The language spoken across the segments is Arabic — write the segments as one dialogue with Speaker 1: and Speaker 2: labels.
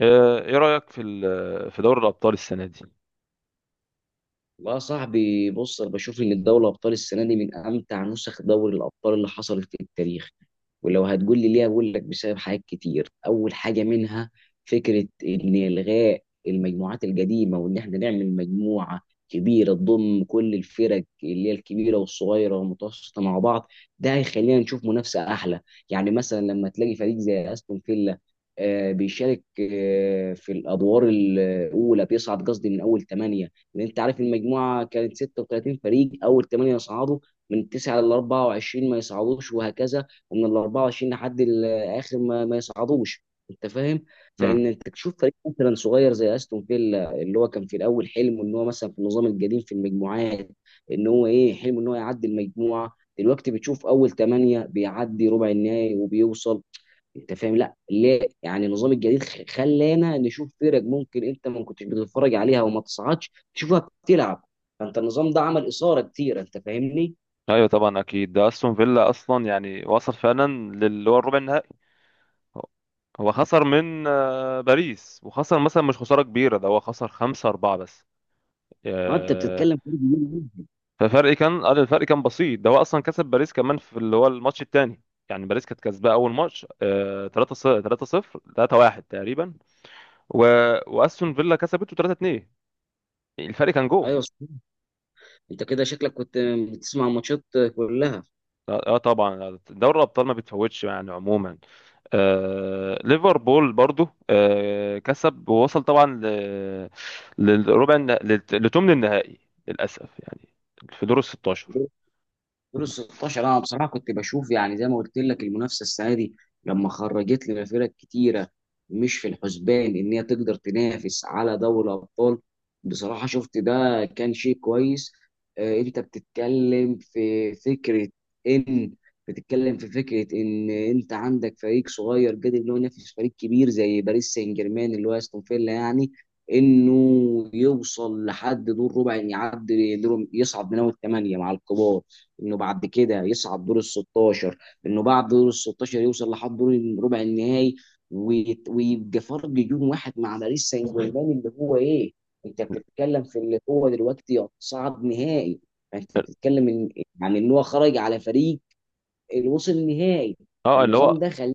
Speaker 1: ايه رأيك في في دوري الأبطال السنة دي؟
Speaker 2: والله يا صاحبي، بص انا بشوف ان الدوري الابطال السنه دي من امتع نسخ دوري الابطال اللي حصلت في التاريخ. ولو هتقول لي ليه اقول لك بسبب حاجات كتير. اول حاجه منها فكره ان الغاء المجموعات القديمه وان احنا نعمل مجموعه كبيره تضم كل الفرق اللي هي الكبيره والصغيره والمتوسطه مع بعض. ده هيخلينا نشوف منافسه احلى. يعني مثلا لما تلاقي فريق زي استون فيلا بيشارك في الادوار الاولى بيصعد، قصدي من اول ثمانيه. ان انت عارف المجموعه كانت 36 فريق، اول 8 يصعدوا، من 9 ل 24 ما يصعدوش، وهكذا ومن ال 24 لحد ال اخر ما يصعدوش. انت فاهم؟
Speaker 1: امم.
Speaker 2: فان انت تشوف فريق مثلا صغير زي استون فيلا، اللي هو كان في الاول حلم ان هو مثلا في النظام القديم في المجموعات ان هو ايه، حلم ان هو يعدي المجموعه. دلوقتي بتشوف اول 8 بيعدي ربع النهائي وبيوصل. انت فاهم؟ لا ليه، يعني النظام الجديد خلانا نشوف فرق ممكن انت ما كنتش بتتفرج عليها وما تصعدش، تشوفها بتلعب. فانت النظام ده عمل اثاره كتير، انت فاهمني.
Speaker 1: ايوه طبعا اكيد، ده استون فيلا اصلا يعني وصل فعلا للي هو الربع النهائي. هو هو خسر من باريس، وخسر مثلا مش خسارة كبيرة، ده هو خسر 5-4 بس.
Speaker 2: اه انت
Speaker 1: آه،
Speaker 2: بتتكلم في فرق كبير جدا.
Speaker 1: ففرق كان قال الفرق كان بسيط، ده هو أصلا كسب باريس كمان في اللي هو الماتش التاني. يعني باريس كانت كسباه أول ماتش 3 0 3 0 3 1 تقريبا، و... وأستون فيلا كسبته 3 2، الفرق كان جول.
Speaker 2: ايوه صحيح. انت كده شكلك كنت بتسمع ماتشات كلها.
Speaker 1: اه. طبعا دوري الابطال ما بتفوتش يعني عموما. ليفربول برضو كسب ووصل طبعا للربع لثمن النهائي للاسف يعني، في دور ال 16.
Speaker 2: دور ال 16 انا بصراحه كنت بشوف يعني زي ما قلت لك المنافسه السنه دي، لما خرجت لنا فرق كتيره مش في الحسبان ان هي تقدر تنافس على دوري الابطال، بصراحه شفت ده كان شيء كويس. انت بتتكلم في فكره ان انت عندك فريق صغير قادر ان هو ينافس فريق كبير زي باريس سان جيرمان، اللي هو استون فيلا يعني، انه يوصل لحد دور ربع، يعني يعدي دور، يصعد من اول ثمانيه مع الكبار، انه بعد كده يصعد دور ال 16، انه بعد دور ال 16 يوصل لحد دور الربع النهائي، ويبقى فرق جون واحد مع باريس سان جيرمان اللي هو ايه؟ انت بتتكلم في اللي هو دلوقتي صعد نهائي. فانت بتتكلم ان، يعني ان هو خرج على فريق اللي وصل نهائي.
Speaker 1: اه اللي
Speaker 2: فالنظام
Speaker 1: هو،
Speaker 2: ده خلى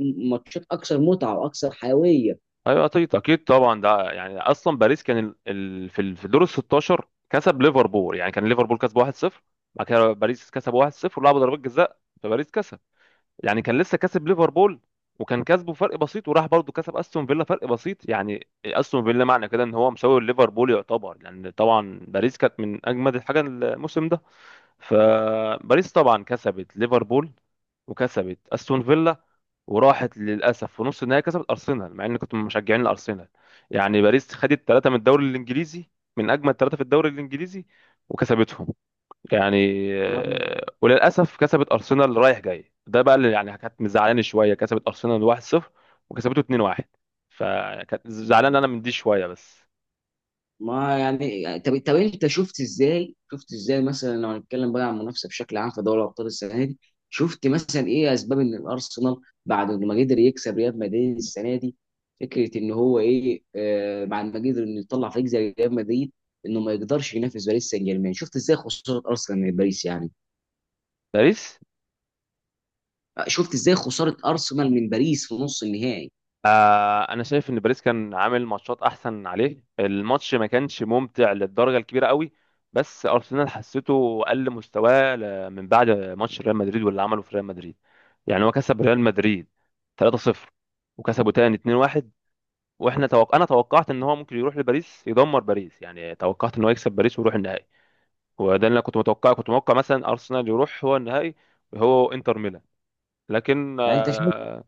Speaker 2: ماتشات اكثر متعه واكثر حيويه.
Speaker 1: ايوه اكيد اكيد طبعا. ده يعني اصلا باريس كان في في دور ال 16 كسب ليفربول، يعني كان ليفربول كسب 1-0، بعد كده باريس كسب 1-0 ولعبوا ضربات جزاء، فباريس كسب. يعني كان لسه كسب ليفربول، وكان كسبه فرق بسيط، وراح برضه كسب استون فيلا فرق بسيط. يعني استون فيلا معنى كده ان هو مساوي ليفربول يعتبر، لان طبعا باريس كانت من اجمد الحاجه الموسم ده. فباريس طبعا كسبت ليفربول وكسبت استون فيلا، وراحت للاسف في نص النهائي كسبت ارسنال، مع اني كنت من مشجعين الارسنال. يعني باريس خدت 3 من الدوري الانجليزي، من اجمل 3 في الدوري الانجليزي، وكسبتهم يعني. وللاسف كسبت ارسنال رايح جاي، ده بقى اللي يعني كانت مزعلاني شويه، كسبت ارسنال 1-0 وكسبته 2-1. فكانت زعلان انا من دي شويه بس.
Speaker 2: ما يعني طب انت شفت ازاي، شفت ازاي مثلا لو هنتكلم بقى عن المنافسه بشكل عام في دوري ابطال السنه دي؟ شفت مثلا ايه اسباب ان الارسنال بعد ما قدر يكسب ريال مدريد السنه دي، فكره ان هو ايه، آه بعد ما قدر انه يطلع فريق زي ريال مدريد، انه ما يقدرش ينافس باريس سان جيرمان؟ شفت ازاي خساره ارسنال من باريس يعني؟
Speaker 1: باريس،
Speaker 2: شفت ازاي خساره ارسنال من باريس في نص النهائي؟
Speaker 1: انا شايف ان باريس كان عامل ماتشات احسن عليه، الماتش ما كانش ممتع للدرجه الكبيره قوي. بس ارسنال حسيته قل مستواه من بعد ماتش ريال مدريد، واللي عمله في ريال مدريد. يعني هو كسب ريال مدريد 3-0 وكسبه تاني 2-1، انا توقعت ان هو ممكن يروح لباريس يدمر باريس، يعني توقعت ان هو يكسب باريس ويروح النهائي. وده اللي انا كنت متوقعه، كنت متوقع مثلا ارسنال يروح هو النهائي، هو انتر ميلان. لكن
Speaker 2: يعني انت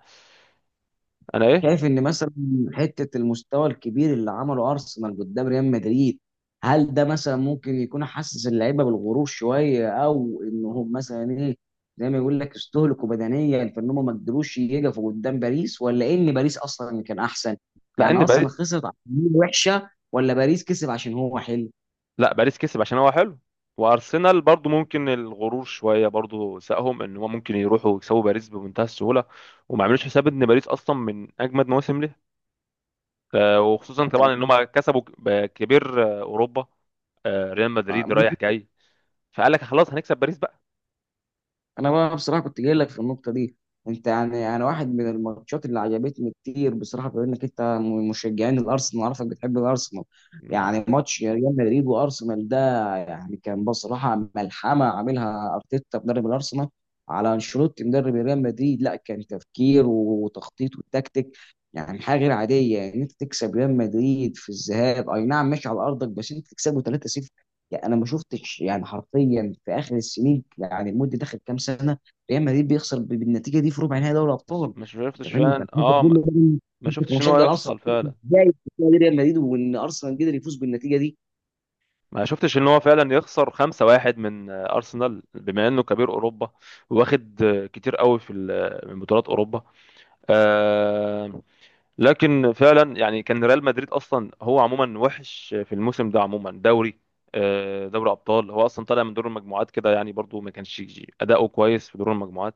Speaker 1: انا ايه.
Speaker 2: شايف ان مثلا حته المستوى الكبير اللي عمله ارسنال قدام ريال مدريد، هل ده مثلا ممكن يكون حسس اللعيبه بالغرور شويه، او انهم مثلا ايه، زي ما يقول لك استهلكوا بدنيا، فان هم ما قدروش يقفوا قدام باريس، ولا ان باريس اصلا اللي كان احسن؟
Speaker 1: لا
Speaker 2: يعني
Speaker 1: ان
Speaker 2: ارسنال
Speaker 1: باريس،
Speaker 2: خسرت عشان هي وحشه، ولا باريس كسب عشان هو حلو؟
Speaker 1: لا باريس كسب عشان هو حلو، وارسنال برضو ممكن الغرور شويه برضو ساقهم ان هم ممكن يروحوا يكسبوا باريس بمنتهى السهوله، وما عملوش حساب ان باريس اصلا من اجمد مواسم ليه. وخصوصا
Speaker 2: انت
Speaker 1: طبعا ان
Speaker 2: بتقول-
Speaker 1: هم كسبوا كبير اوروبا، ريال
Speaker 2: آه،
Speaker 1: مدريد رايح جاي، فقال لك خلاص هنكسب باريس بقى.
Speaker 2: انا بقى بصراحه كنت جاي لك في النقطه دي. انت يعني، انا واحد من الماتشات اللي عجبتني كتير بصراحه، بما انك انت من مشجعين الارسنال عارفك بتحب الارسنال،
Speaker 1: مم.
Speaker 2: يعني ماتش ريال مدريد وارسنال ده يعني كان بصراحه ملحمه عاملها ارتيتا مدرب الارسنال على انشيلوتي مدرب ريال مدريد. لا، كان تفكير وتخطيط وتكتيك، يعني حاجه غير عاديه. ان يعني انت تكسب ريال مدريد في الذهاب، اي نعم ماشي على ارضك، بس انت تكسبه 3-0، يعني انا ما شفتش يعني حرفيا في اخر السنين، يعني المده داخل كام سنه ريال مدريد بيخسر بالنتيجه دي في ربع نهائي دوري
Speaker 1: بس
Speaker 2: ابطال.
Speaker 1: ما
Speaker 2: انت
Speaker 1: شفتش
Speaker 2: فاهمني؟
Speaker 1: فعلا،
Speaker 2: فانت بتقول لي بقى،
Speaker 1: ما
Speaker 2: انت
Speaker 1: شفتش ان هو
Speaker 2: كمشجع ارسنال،
Speaker 1: يخسر فعلا،
Speaker 2: ازاي بتقول ريال مدريد وان ارسنال قدر يفوز بالنتيجه دي؟
Speaker 1: ما شفتش ان هو فعلا يخسر 5-1 من ارسنال، بما انه كبير اوروبا، واخد كتير قوي في من بطولات اوروبا. آه لكن فعلا يعني كان ريال مدريد اصلا هو عموما وحش في الموسم ده عموما دوري. دوري ابطال هو اصلا طالع من دور المجموعات كده، يعني برضو ما كانش اداؤه كويس في دور المجموعات.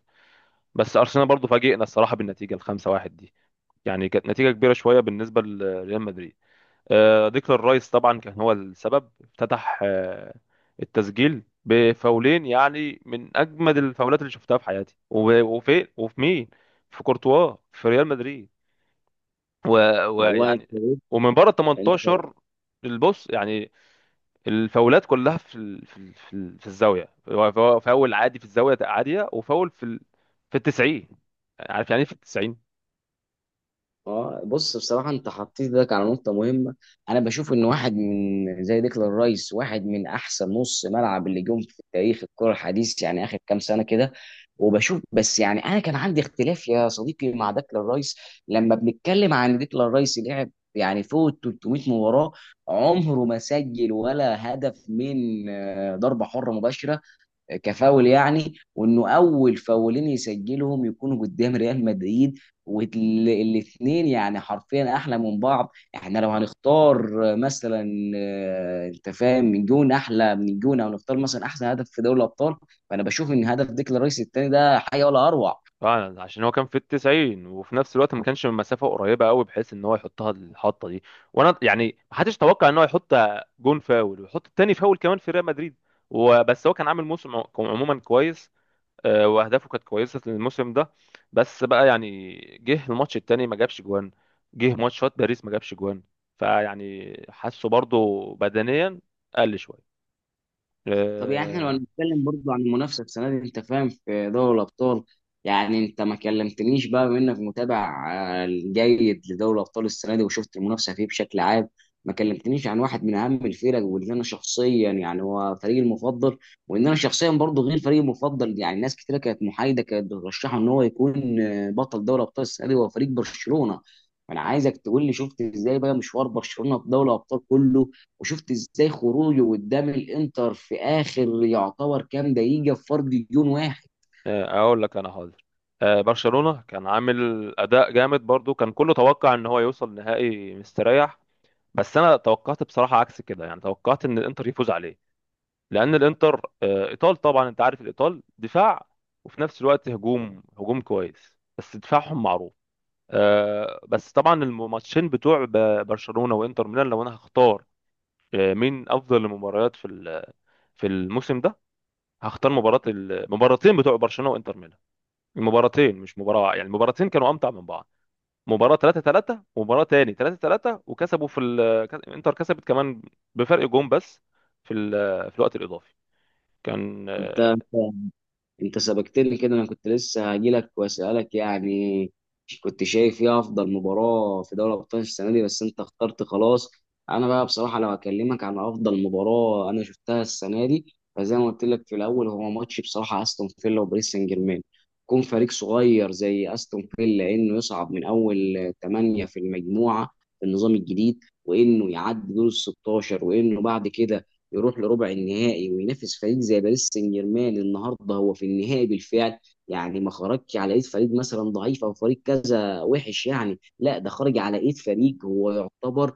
Speaker 1: بس ارسنال برضو فاجئنا الصراحه بالنتيجه الخمسة واحد دي، يعني كانت نتيجه كبيره شويه بالنسبه لريال مدريد. ديكلان رايس طبعا كان هو السبب، افتتح التسجيل بفاولين، يعني من اجمد الفاولات اللي شفتها في حياتي. وفي مين؟ في كورتوا، في ريال مدريد.
Speaker 2: والله
Speaker 1: ويعني، ومن بره ال
Speaker 2: انت
Speaker 1: 18 البص يعني. الفاولات كلها في في الزاويه، هو فاول عادي في الزاويه عاديه، وفاول في في التسعين. عارف يعني ايه في التسعين؟
Speaker 2: اه بص، بصراحه انت حطيت ايدك على نقطه مهمه. انا بشوف ان واحد من زي ديكلان رايس واحد من احسن نص ملعب اللي جم في تاريخ الكره الحديث، يعني اخر كام سنه كده. وبشوف بس يعني، انا كان عندي اختلاف يا صديقي مع ديكلان رايس. لما بنتكلم عن ديكلان رايس لعب يعني فوق ال 300 مباراه، عمره ما سجل ولا هدف من ضربه حره مباشره كفاول يعني. وانه اول فاولين يسجلهم يكونوا قدام ريال مدريد، والاثنين يعني حرفيا احلى من بعض. احنا لو هنختار مثلا، انت فاهم، من جون احلى من جون، او نختار مثلا احسن هدف في دوري الابطال، فانا بشوف ان هدف ديكلان رايس الثاني ده حاجه ولا اروع.
Speaker 1: فعلا، عشان هو كان في التسعين، وفي نفس الوقت ما كانش من مسافه قريبه قوي بحيث ان هو يحطها الحطه دي. وانا يعني ما حدش توقع ان هو يحط جون فاول ويحط التاني فاول كمان في ريال مدريد. وبس هو كان عامل موسم عموما كويس، واهدافه كانت كويسه الموسم ده. بس بقى يعني، جه الماتش التاني ما جابش جوان، جه ماتشات باريس ما جابش جوان، فيعني حاسه برضو بدنيا قل شويه.
Speaker 2: طب يعني احنا لو
Speaker 1: آه،
Speaker 2: هنتكلم برضو عن المنافسه السنه دي، انت فاهم، في دوري الابطال، يعني انت ما كلمتنيش بقى بما انك متابع جيد لدوري الابطال السنه دي وشفت المنافسه فيه بشكل عام، ما كلمتنيش عن واحد من اهم الفرق، واللي انا شخصيا يعني هو فريقي المفضل. وان انا شخصيا برضو، غير فريقي المفضل، يعني ناس كتيره كانت محايده كانت بترشحه ان هو يكون بطل دوري الابطال السنه دي، هو فريق برشلونه. انا عايزك تقول لي شفت ازاي بقى مشوار برشلونه في دوري الابطال كله، وشفت ازاي خروجه قدام الانتر في اخر يعتبر كام دقيقه في فرق جون واحد.
Speaker 1: اقول لك انا حاضر. برشلونه كان عامل اداء جامد برضو، كان كله توقع ان هو يوصل نهائي مستريح. بس انا توقعت بصراحه عكس كده، يعني توقعت ان الانتر يفوز عليه، لان الانتر ايطال طبعا. انت عارف الايطال دفاع، وفي نفس الوقت هجوم هجوم كويس، بس دفاعهم معروف. بس طبعا الماتشين بتوع برشلونة وانتر ميلان، لو انا هختار مين افضل المباريات في في الموسم ده، هختار مباراة المباراتين بتوع برشلونة وانتر ميلان. المباراتين مش مباراة واحدة، يعني المباراتين كانوا امتع من بعض، مباراة 3 3 ومباراة تاني 3 3، وكسبوا في انتر كسبت كمان بفرق جون بس في في الوقت الاضافي. كان
Speaker 2: انت انت سبقتني كده، انا كنت لسه هجيلك واسالك يعني كنت شايف ايه افضل مباراه في دوري ابطال السنه دي، بس انت اخترت خلاص. انا بقى بصراحه لو هكلمك عن افضل مباراه انا شفتها السنه دي، فزي ما قلت لك في الاول هو ماتش بصراحه استون فيلا وباريس سان جيرمان. كون فريق صغير زي استون فيلا انه يصعد من اول ثمانيه في المجموعه في النظام الجديد، وانه يعدي دور ال 16، وانه بعد كده يروح لربع النهائي وينافس فريق زي باريس سان جيرمان النهارده هو في النهائي بالفعل. يعني ما خرجش على ايد فريق مثلا ضعيف او فريق كذا وحش يعني، لا ده خرج على ايد فريق هو يعتبر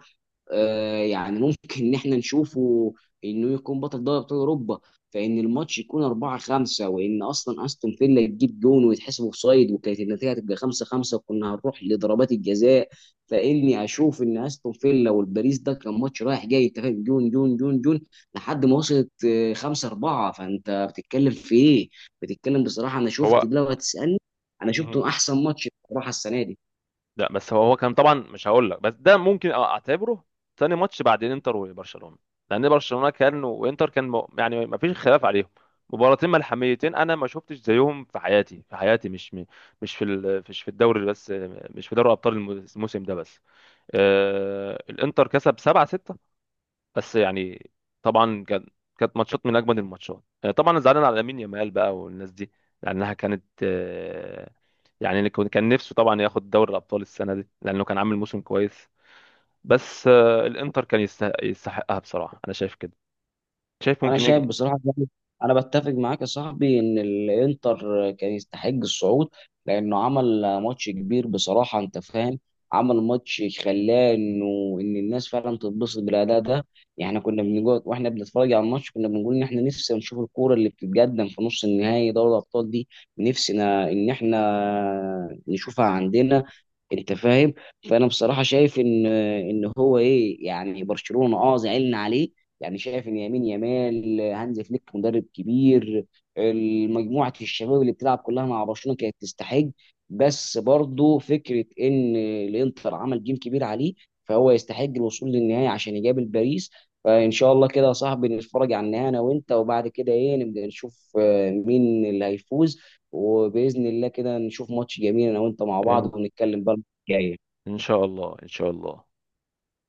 Speaker 2: يعني ممكن ان احنا نشوفه انه يكون بطل دوري ابطال اوروبا. فان الماتش يكون 4-5، وان اصلا استون فيلا تجيب جون ويتحسب اوفسايد وكانت النتيجه هتبقى 5-5 وكنا هنروح لضربات الجزاء. فاني اشوف ان استون فيلا والباريس ده كان ماتش رايح جاي، انت فاهم، جون جون جون جون لحد ما وصلت 5-4. فانت بتتكلم في ايه؟ بتتكلم بصراحه، انا شفت
Speaker 1: هو.
Speaker 2: لو هتسالني، انا
Speaker 1: مم.
Speaker 2: شفته احسن ماتش بصراحه السنه دي.
Speaker 1: لا بس هو كان طبعا، مش هقول لك بس ده ممكن اعتبره ثاني ماتش بعد انتر وبرشلونه، لان برشلونه كان وانتر كان يعني ما فيش خلاف عليهم. مباراتين ملحميتين انا ما شفتش زيهم في حياتي، في حياتي، مش مش في مش في الدوري بس، مش في دوري ابطال الموسم ده بس. الانتر كسب 7-6 بس، يعني طبعا كان، كانت ماتشات من اجمد الماتشات. طبعا انا زعلان على لامين يامال بقى والناس دي، لانها كانت يعني اللي كان نفسه طبعا ياخد دوري الابطال السنه دي لانه كان عامل موسم كويس. بس الانتر كان يستحقها، بصراحه انا شايف كده، شايف
Speaker 2: انا
Speaker 1: ممكن يجي
Speaker 2: شايف بصراحه يعني، انا بتفق معاك يا صاحبي ان الانتر كان يستحق الصعود، لانه عمل ماتش كبير بصراحه، انت فاهم، عمل ماتش خلاه انه ان الناس فعلا تتبسط بالاداء ده. يعني كنا بنقعد واحنا بنتفرج على الماتش كنا بنقول ان احنا نفسنا نشوف الكوره اللي بتتقدم في نص النهائي دوري الابطال دي، نفسنا ان احنا نشوفها عندنا، انت فاهم. فانا بصراحه شايف ان، ان هو ايه، يعني برشلونه اه زعلنا عليه، يعني شايف ان يمين يمال هانز فليك مدرب كبير، مجموعه الشباب اللي بتلعب كلها مع برشلونه كانت تستحق. بس برضه فكره ان الانتر عمل جيم كبير عليه، فهو يستحق الوصول للنهائي عشان يقابل باريس. فان شاء الله كده يا صاحبي نتفرج على النهائي انا وانت، وبعد كده ايه نبدا نشوف مين اللي هيفوز. وباذن الله كده نشوف ماتش جميل انا وانت مع
Speaker 1: ان
Speaker 2: بعض، ونتكلم بقى المرة الجايه.
Speaker 1: إن شاء الله. ان شاء الله.